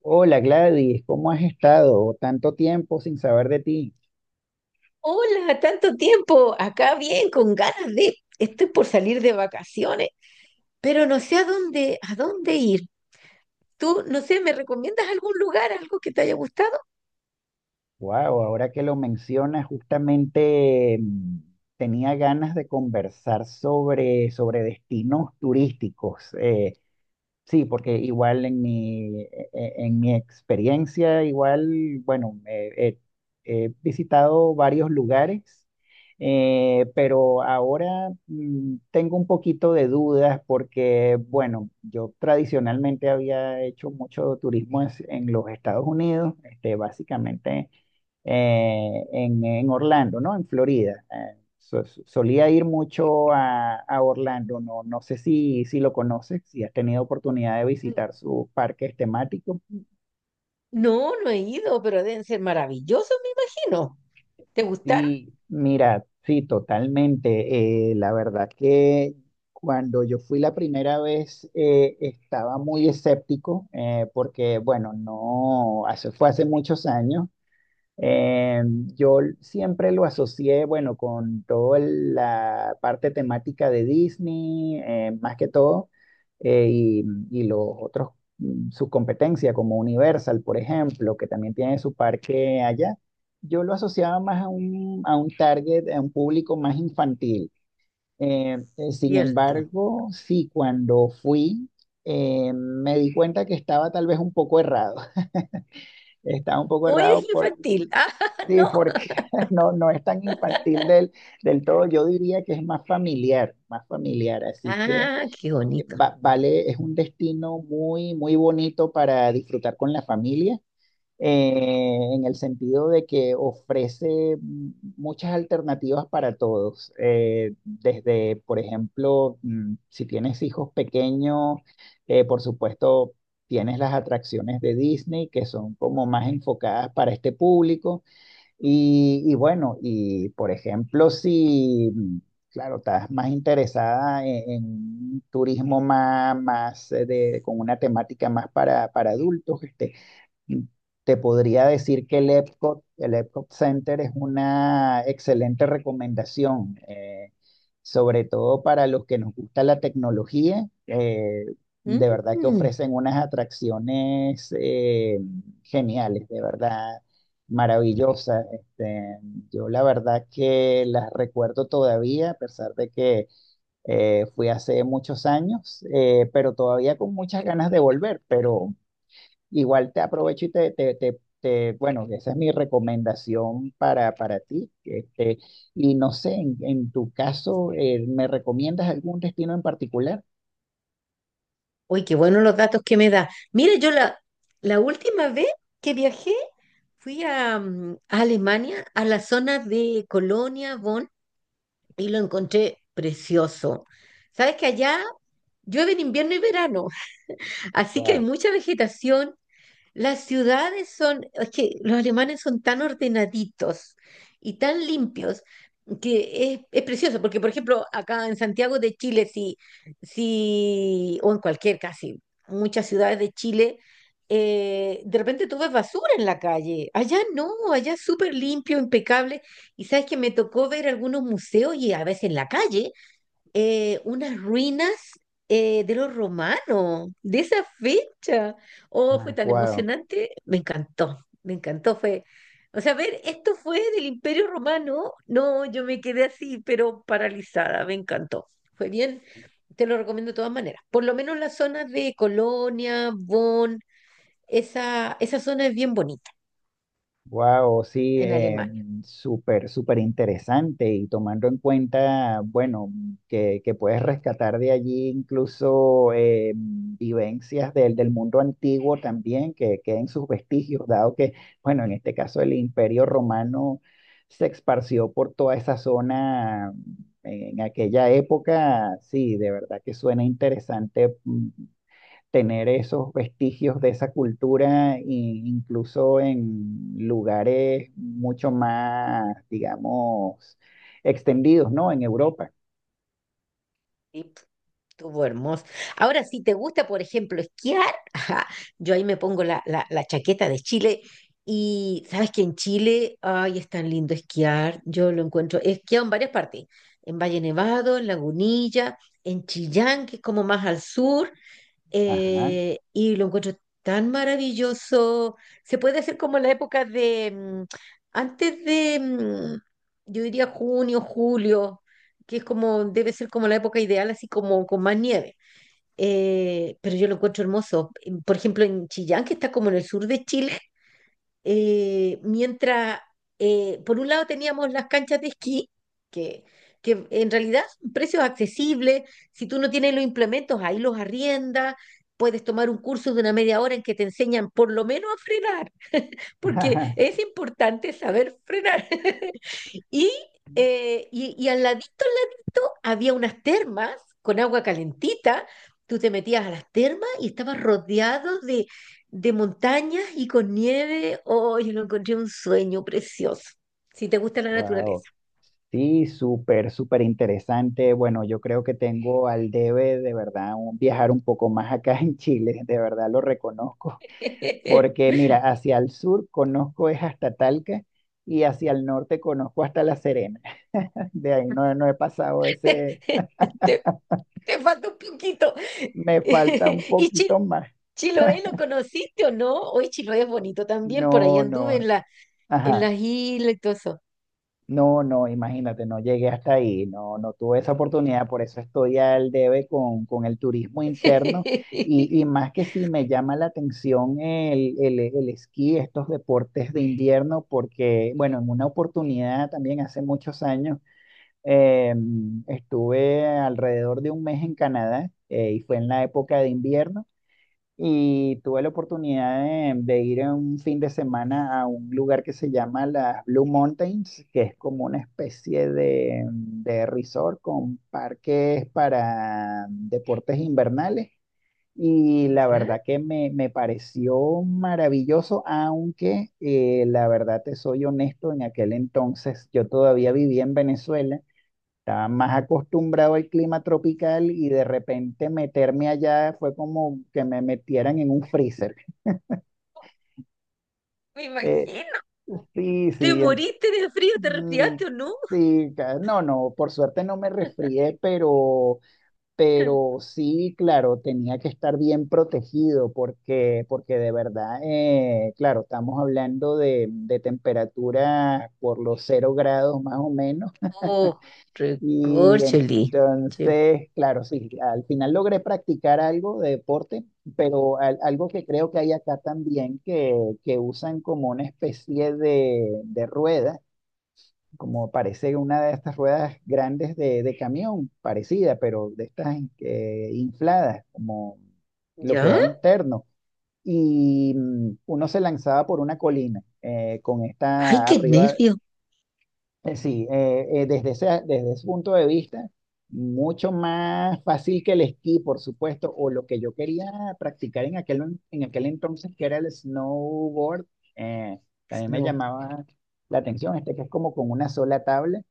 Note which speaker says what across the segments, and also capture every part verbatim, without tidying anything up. Speaker 1: Hola Gladys, ¿cómo has estado? Tanto tiempo sin saber de ti.
Speaker 2: Hola, tanto tiempo. Acá bien, con ganas de. Estoy por salir de vacaciones, pero no sé a dónde, a dónde ir. Tú, no sé, ¿me recomiendas algún lugar, algo que te haya gustado?
Speaker 1: Wow, ahora que lo mencionas, justamente mm, tenía ganas de conversar sobre, sobre destinos turísticos. eh, Sí, porque igual en mi, e- e- en mi experiencia, igual, bueno, eh, eh, he visitado varios lugares, eh, pero ahora mm, tengo un poquito de dudas porque, bueno, yo tradicionalmente había hecho mucho turismo es- en los Estados Unidos, este, básicamente eh, en, en Orlando, ¿no? En Florida. Eh, so- so- solía ir mucho a, a Orlando, no, no sé si, si lo conoces, si has tenido oportunidad de
Speaker 2: N-
Speaker 1: visitar sus parques temáticos.
Speaker 2: No, no he ido, pero deben ser maravillosos, me imagino. ¿Te gustaron?
Speaker 1: Sí, mira, sí, totalmente. Eh, la verdad que cuando yo fui la primera vez eh, estaba muy escéptico eh, porque, bueno, no, hace, fue hace muchos años. Eh, yo siempre lo asocié, bueno, con toda la parte temática de Disney, eh, más que todo, eh, y, y los otros, mm, su competencia como Universal, por ejemplo, que también tiene su parque allá. Yo lo asociaba más a un, a un target, a un público más infantil. Eh, eh, sin
Speaker 2: Cierto.
Speaker 1: embargo, sí, cuando fui, eh, me di cuenta que estaba tal vez un poco errado. Estaba un poco
Speaker 2: ¿O eres
Speaker 1: errado.
Speaker 2: infantil? Ah,
Speaker 1: Sí,
Speaker 2: no.
Speaker 1: porque no, no es tan infantil del, del todo, yo diría que es más familiar, más familiar, así que
Speaker 2: Ah, qué
Speaker 1: eh,
Speaker 2: bonito.
Speaker 1: va- vale, es un destino muy, muy bonito para disfrutar con la familia, eh, en el sentido de que ofrece mm, muchas alternativas para todos, eh, desde, por ejemplo, mm, si tienes hijos pequeños, eh, por supuesto, tienes las atracciones de Disney que son como más enfocadas para este público y, y bueno, y por ejemplo, si, mm, claro, estás más interesada en, en un turismo más, más eh, de, con una temática más para, para adultos, este, te podría decir que el Epcot, el Epcot Center es una excelente recomendación, eh, sobre todo para los que nos gusta la tecnología. Eh, de verdad que
Speaker 2: Mm,
Speaker 1: ofrecen unas atracciones eh, geniales, de verdad, maravillosas. Este, yo la verdad que las recuerdo todavía, a pesar de que eh, fui hace muchos años, eh, pero todavía con muchas ganas de volver, pero... Igual te aprovecho y te, te, te, te- bueno, esa es mi recomendación para, para ti. Este, y no sé, en, en tu caso, eh, ¿me recomiendas algún destino en particular?
Speaker 2: Uy, qué buenos los datos que me da. Mira, yo la, la última vez que viajé fui a, mm, a Alemania, a la zona de Colonia, Bonn, y lo encontré precioso. Sabes que allá llueve en invierno y verano, así que hay
Speaker 1: Wow.
Speaker 2: mucha vegetación, las ciudades son, es que los alemanes son tan ordenaditos y tan limpios que es, es precioso, porque por ejemplo, acá en Santiago de Chile, sí, sí, o en cualquier casi, muchas ciudades de Chile, eh, de repente tú ves basura en la calle. Allá no, allá es súper limpio, impecable. Y sabes que me tocó ver algunos museos y a veces en la calle eh, unas ruinas, eh, de los romanos, de esa fecha. Oh, fue
Speaker 1: Ah,
Speaker 2: tan
Speaker 1: guau.
Speaker 2: emocionante, me encantó, me encantó, fue, o sea, ver, esto fue del Imperio Romano, no, yo me quedé así, pero paralizada, me encantó, fue bien, te lo recomiendo de todas maneras, por lo menos las zonas de Colonia, Bonn, esa, esa zona es bien bonita
Speaker 1: Wow, sí,
Speaker 2: en
Speaker 1: eh,
Speaker 2: Alemania.
Speaker 1: súper, súper interesante y tomando en cuenta, bueno, que, que puedes rescatar de allí incluso eh, vivencias del, del mundo antiguo también, que queden sus vestigios, dado que, bueno, en este caso el Imperio Romano se esparció por toda esa zona en aquella época, sí, de verdad que suena interesante. Mm, tener esos vestigios de esa cultura, e incluso en lugares mucho más, digamos, extendidos, ¿no? En Europa.
Speaker 2: ¿Sí? Estuvo hermoso. Ahora, si te gusta, por ejemplo, esquiar, ajá, yo ahí me pongo la, la- la chaqueta de Chile y sabes que en Chile, ay, es tan lindo esquiar. Yo lo encuentro, he esquiado en varias partes, en Valle Nevado, en Lagunilla, en Chillán, que es como más al sur,
Speaker 1: Ajá.
Speaker 2: eh, y lo encuentro tan maravilloso. Se puede hacer como en la época de, mm, antes de, mm, yo diría junio, julio, que es como, debe ser como la época ideal, así como con más nieve. Eh, pero yo lo encuentro hermoso. En- Por ejemplo, en Chillán, que está como en el sur de Chile, eh, mientras, eh, por un lado teníamos las canchas de esquí, que, que en realidad son precios accesibles, si tú no tienes los implementos, ahí los arriendas, puedes tomar un curso de una media hora en que te enseñan por lo menos a frenar, porque es importante saber frenar. Y, eh, y, y al ladito, al ladito, había unas termas con agua calentita. Tú te metías a las termas y estabas rodeado de, de montañas y con nieve. Oh, yo lo encontré un sueño precioso. Si te gusta la
Speaker 1: Wow.
Speaker 2: naturaleza.
Speaker 1: Sí, súper, súper interesante. Bueno, yo creo que tengo al debe de verdad un- viajar un poco más acá en Chile, de verdad lo reconozco, porque mira, hacia el sur conozco es hasta Talca y hacia el norte conozco hasta La Serena. De ahí no, no he pasado de
Speaker 2: Te,
Speaker 1: ese.
Speaker 2: te te falta un poquito.
Speaker 1: Me falta un
Speaker 2: Y Chil-
Speaker 1: poquito más.
Speaker 2: Chiloé, ¿lo conociste o no? Hoy Chiloé es bonito también. Por ahí
Speaker 1: No,
Speaker 2: anduve
Speaker 1: no,
Speaker 2: en la, en
Speaker 1: ajá.
Speaker 2: las islas y todo eso.
Speaker 1: No, no, imagínate, no llegué hasta ahí, no, no tuve esa oportunidad, por eso estoy al debe con, con el turismo interno y, y más que sí me llama la atención el, el, el esquí, estos deportes de invierno, porque, bueno, en una oportunidad también hace muchos años eh, estuve alrededor de un mes en Canadá eh, y fue en la época de invierno. Y tuve la oportunidad de, de ir en un fin de semana a un lugar que se llama las Blue Mountains, que es como una especie de, de resort con parques para deportes invernales. Y la
Speaker 2: ¿Ya?
Speaker 1: verdad que me, me pareció maravilloso, aunque eh, la verdad te soy honesto, en aquel entonces yo todavía vivía en Venezuela, estaba más acostumbrado al clima tropical y de repente meterme allá fue como que me metieran en un freezer.
Speaker 2: Me
Speaker 1: Eh,
Speaker 2: imagino.
Speaker 1: sí,
Speaker 2: ¿Te
Speaker 1: sí, en-
Speaker 2: moriste de frío? ¿Te
Speaker 1: mm,
Speaker 2: resfriaste o no?
Speaker 1: sí, ca- no, no, por suerte no me resfrié, pero, pero sí, claro, tenía que estar bien protegido porque, porque de verdad, eh, claro, estamos hablando de, de temperatura por los cero grados más o menos.
Speaker 2: Oh,
Speaker 1: Y
Speaker 2: recorcholi. Sí.
Speaker 1: entonces, claro, sí, al final logré practicar algo de deporte, pero al- algo que creo que hay acá también, que, que usan como una especie de, de rueda, como parece una de estas ruedas grandes de, de camión, parecida, pero de estas eh, infladas, como lo que
Speaker 2: ¿Ya?
Speaker 1: va interno. Y mm, uno se lanzaba por una colina eh, con
Speaker 2: Ay,
Speaker 1: esta
Speaker 2: qué
Speaker 1: arriba.
Speaker 2: nervio.
Speaker 1: Eh, Sí, eh, eh, desde ese, desde ese punto de vista, mucho más fácil que el esquí, por supuesto, o lo que yo quería practicar en aquel, en aquel entonces, que era el snowboard, eh, también me
Speaker 2: No.
Speaker 1: llamaba la atención, este que es como con una sola tabla,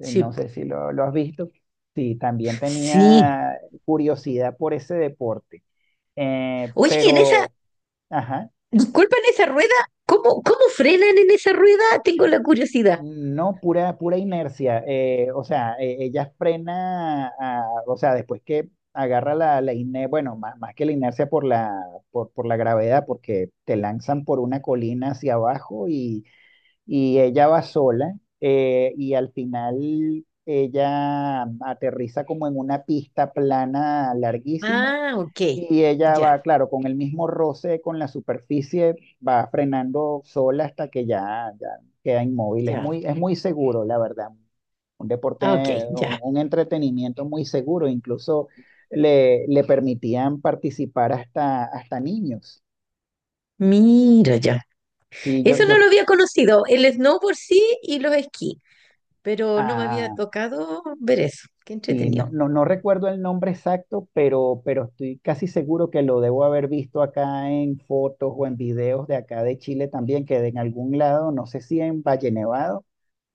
Speaker 1: eh, no
Speaker 2: Sí.
Speaker 1: sé si lo, lo has visto, sí, también
Speaker 2: Sí.
Speaker 1: tenía curiosidad por ese deporte, eh,
Speaker 2: Oye, y en esa,
Speaker 1: pero, ajá.
Speaker 2: disculpa, en esa rueda, ¿cómo, cómo frenan en esa rueda? Tengo la curiosidad.
Speaker 1: No, pura, pura inercia. Eh, o sea, eh, ella frena, a- o sea, después que agarra la, la inercia, bueno, más, más que la inercia por la, por, por la gravedad, porque te lanzan por una colina hacia abajo y, y ella va sola eh, y al final ella aterriza como en una pista plana larguísima
Speaker 2: Ah, ok.
Speaker 1: y ella
Speaker 2: Ya,
Speaker 1: va, claro, con el mismo roce con la superficie, va frenando sola hasta que ya, ya queda inmóvil. Es
Speaker 2: ya.
Speaker 1: muy, es muy seguro, la verdad. Un deporte,
Speaker 2: Ah, ok,
Speaker 1: un,
Speaker 2: ya.
Speaker 1: un entretenimiento muy seguro. Incluso le, le permitían participar hasta, hasta niños.
Speaker 2: Mira, ya.
Speaker 1: Sí, yo,
Speaker 2: Eso no
Speaker 1: yo,
Speaker 2: lo había conocido. El snow por sí y los esquí, pero no me había
Speaker 1: ah,
Speaker 2: tocado ver eso. Qué
Speaker 1: Sí,
Speaker 2: entretenido.
Speaker 1: no, no, no recuerdo el nombre exacto, pero, pero estoy casi seguro que lo debo haber visto acá en fotos o en videos de acá de Chile también, que de en algún lado, no sé si en Valle Nevado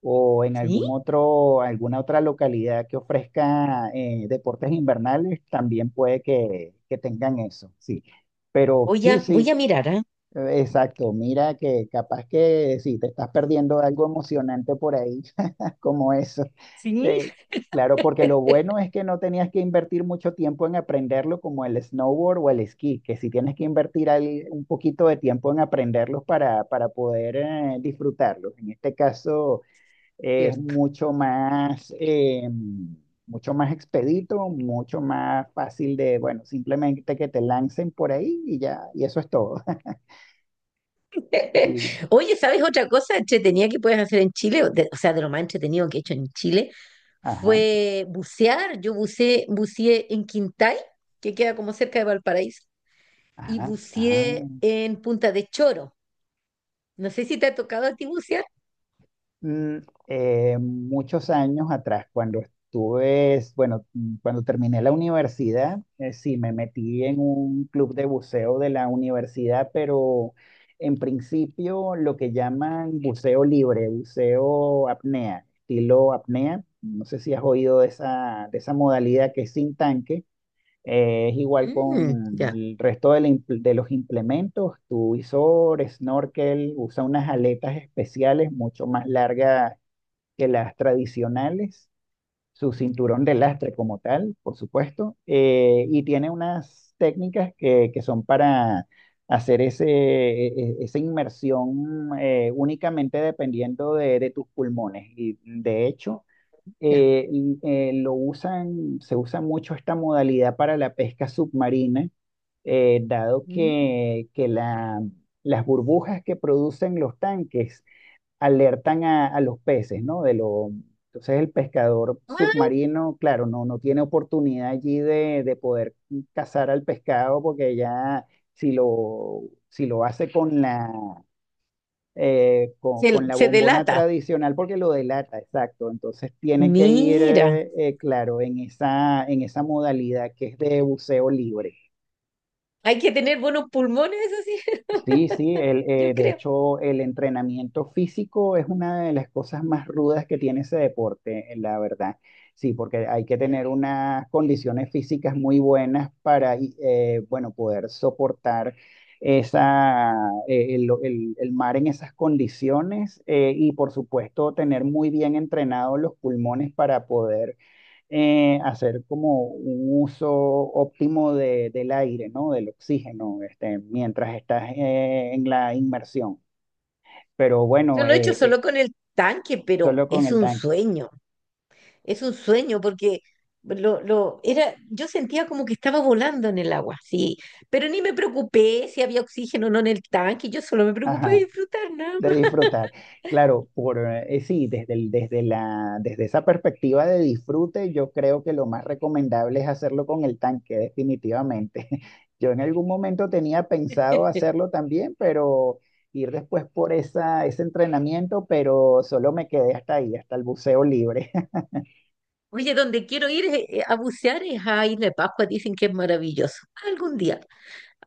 Speaker 1: o en
Speaker 2: Sí,
Speaker 1: algún otro, alguna otra localidad que ofrezca eh, deportes invernales, también puede que, que tengan eso, sí. Pero
Speaker 2: voy
Speaker 1: sí,
Speaker 2: a, voy
Speaker 1: sí,
Speaker 2: a mirar, ¿ah?
Speaker 1: exacto, mira que capaz que si te estás perdiendo algo emocionante por ahí, como eso.
Speaker 2: Sí,
Speaker 1: Eh, claro, porque lo bueno es que no tenías que invertir mucho tiempo en aprenderlo como el snowboard o el esquí, que si tienes que invertir ahí un poquito de tiempo en aprenderlos para, para poder eh, disfrutarlos. En este caso es
Speaker 2: Cierto.
Speaker 1: mucho más, eh, mucho más expedito, mucho más fácil de, bueno, simplemente que te lancen por ahí y ya, y eso es todo. Y
Speaker 2: Oye, ¿sabes otra cosa entretenida que puedes hacer en Chile? O, de- o sea, de lo más entretenido que he hecho en Chile
Speaker 1: ajá,
Speaker 2: fue bucear. Yo buceé, buceé en Quintay, que queda como cerca de Valparaíso, y
Speaker 1: ajá, ajá.
Speaker 2: buceé en Punta de Choro. No sé si te ha tocado a ti bucear.
Speaker 1: Mm, eh, Muchos años atrás, cuando estuve, es- bueno, mm, cuando terminé la universidad, eh, sí, me metí en un club de buceo de la universidad, pero en principio lo que llaman buceo libre, buceo apnea, estilo apnea. No sé si has oído de esa, de esa modalidad que es sin tanque. Eh, es igual
Speaker 2: Mm,
Speaker 1: con
Speaker 2: ya,
Speaker 1: el resto de, la impl- de los implementos, tu visor, snorkel, usa unas aletas especiales mucho más largas que las tradicionales, su cinturón de lastre como tal, por supuesto, eh, y tiene unas técnicas que, que son para hacer ese, e- e- esa inmersión eh, únicamente dependiendo de, de tus pulmones. Y de hecho
Speaker 2: ya.
Speaker 1: eh, l- eh, lo usan, se usa mucho esta modalidad para la pesca submarina, eh, dado
Speaker 2: Mm.
Speaker 1: que, que la- las burbujas que producen los tanques alertan a, a los peces, ¿no? De lo, entonces el pescador
Speaker 2: Ah,
Speaker 1: submarino, claro, no, no tiene oportunidad allí de, de poder cazar al pescado porque ya si lo, si lo hace con la eh, con,
Speaker 2: se,
Speaker 1: con la
Speaker 2: se
Speaker 1: bombona
Speaker 2: delata.
Speaker 1: tradicional porque lo delata, exacto. Entonces tiene que ir,
Speaker 2: Mira,
Speaker 1: eh, eh, claro, en esa, en esa modalidad que es de buceo libre.
Speaker 2: hay que tener buenos pulmones, eso sí,
Speaker 1: Sí, sí, el, eh,
Speaker 2: yo
Speaker 1: de
Speaker 2: creo.
Speaker 1: hecho el entrenamiento físico es una de las cosas más rudas que tiene ese deporte, eh, la verdad. Sí, porque hay que
Speaker 2: Ya.
Speaker 1: tener unas condiciones físicas muy buenas para, y, eh, bueno, poder soportar esa, eh, el, el- el mar en esas condiciones eh, y por supuesto tener muy bien entrenados los pulmones para poder eh, hacer como un uso óptimo de- del aire, ¿no? Del oxígeno, este, mientras estás eh, en la inmersión. Pero
Speaker 2: Yo
Speaker 1: bueno,
Speaker 2: lo he
Speaker 1: eh,
Speaker 2: hecho
Speaker 1: eh,
Speaker 2: solo con el tanque, pero
Speaker 1: solo con
Speaker 2: es
Speaker 1: el
Speaker 2: un
Speaker 1: tanque.
Speaker 2: sueño. Es un sueño porque lo, lo era, yo sentía como que estaba volando en el agua, sí, pero ni me preocupé si había oxígeno o no en el tanque, yo solo me preocupé de
Speaker 1: Ajá.
Speaker 2: disfrutar nada
Speaker 1: De
Speaker 2: más.
Speaker 1: disfrutar. Claro, por eh, sí, desde el- desde la, desde esa perspectiva de disfrute, yo creo que lo más recomendable es hacerlo con el tanque, definitivamente. Yo en algún momento tenía pensado hacerlo también, pero ir después por esa, ese entrenamiento, pero solo me quedé hasta ahí, hasta el buceo libre.
Speaker 2: Oye, donde quiero ir es- eh, a bucear es a Isla de Pascua, dicen que es maravilloso. Algún día,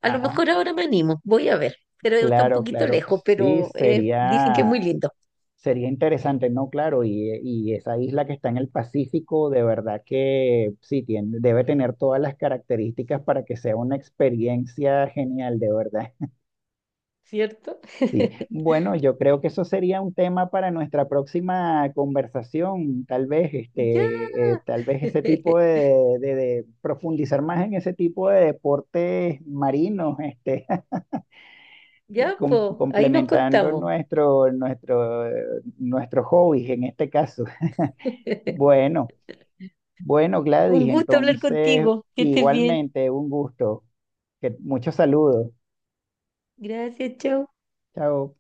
Speaker 2: a lo
Speaker 1: Ah,
Speaker 2: mejor ahora me animo, voy a ver, pero está un
Speaker 1: claro,
Speaker 2: poquito
Speaker 1: claro.
Speaker 2: lejos,
Speaker 1: Sí,
Speaker 2: pero eh, dicen que
Speaker 1: sería.
Speaker 2: es muy lindo,
Speaker 1: Sería interesante, ¿no? Claro, y, eh, y esa isla que está en el Pacífico, de verdad que sí, tiene, debe tener todas las características para que sea una experiencia genial, de verdad.
Speaker 2: ¿cierto?
Speaker 1: Sí, bueno, yo creo que eso sería un tema para nuestra próxima conversación, tal vez,
Speaker 2: Ya,
Speaker 1: este, eh, tal vez ese tipo de, de- de profundizar más en ese tipo de deportes marinos, este,
Speaker 2: ya,
Speaker 1: com-
Speaker 2: po, ahí nos
Speaker 1: complementando
Speaker 2: contamos.
Speaker 1: nuestro, nuestro, eh, nuestros hobbies en este caso. Bueno. Bueno,
Speaker 2: Un
Speaker 1: Gladys,
Speaker 2: gusto hablar
Speaker 1: entonces
Speaker 2: contigo, que estés bien.
Speaker 1: igualmente un gusto. Que, muchos saludos.
Speaker 2: Gracias, chau.
Speaker 1: Chao.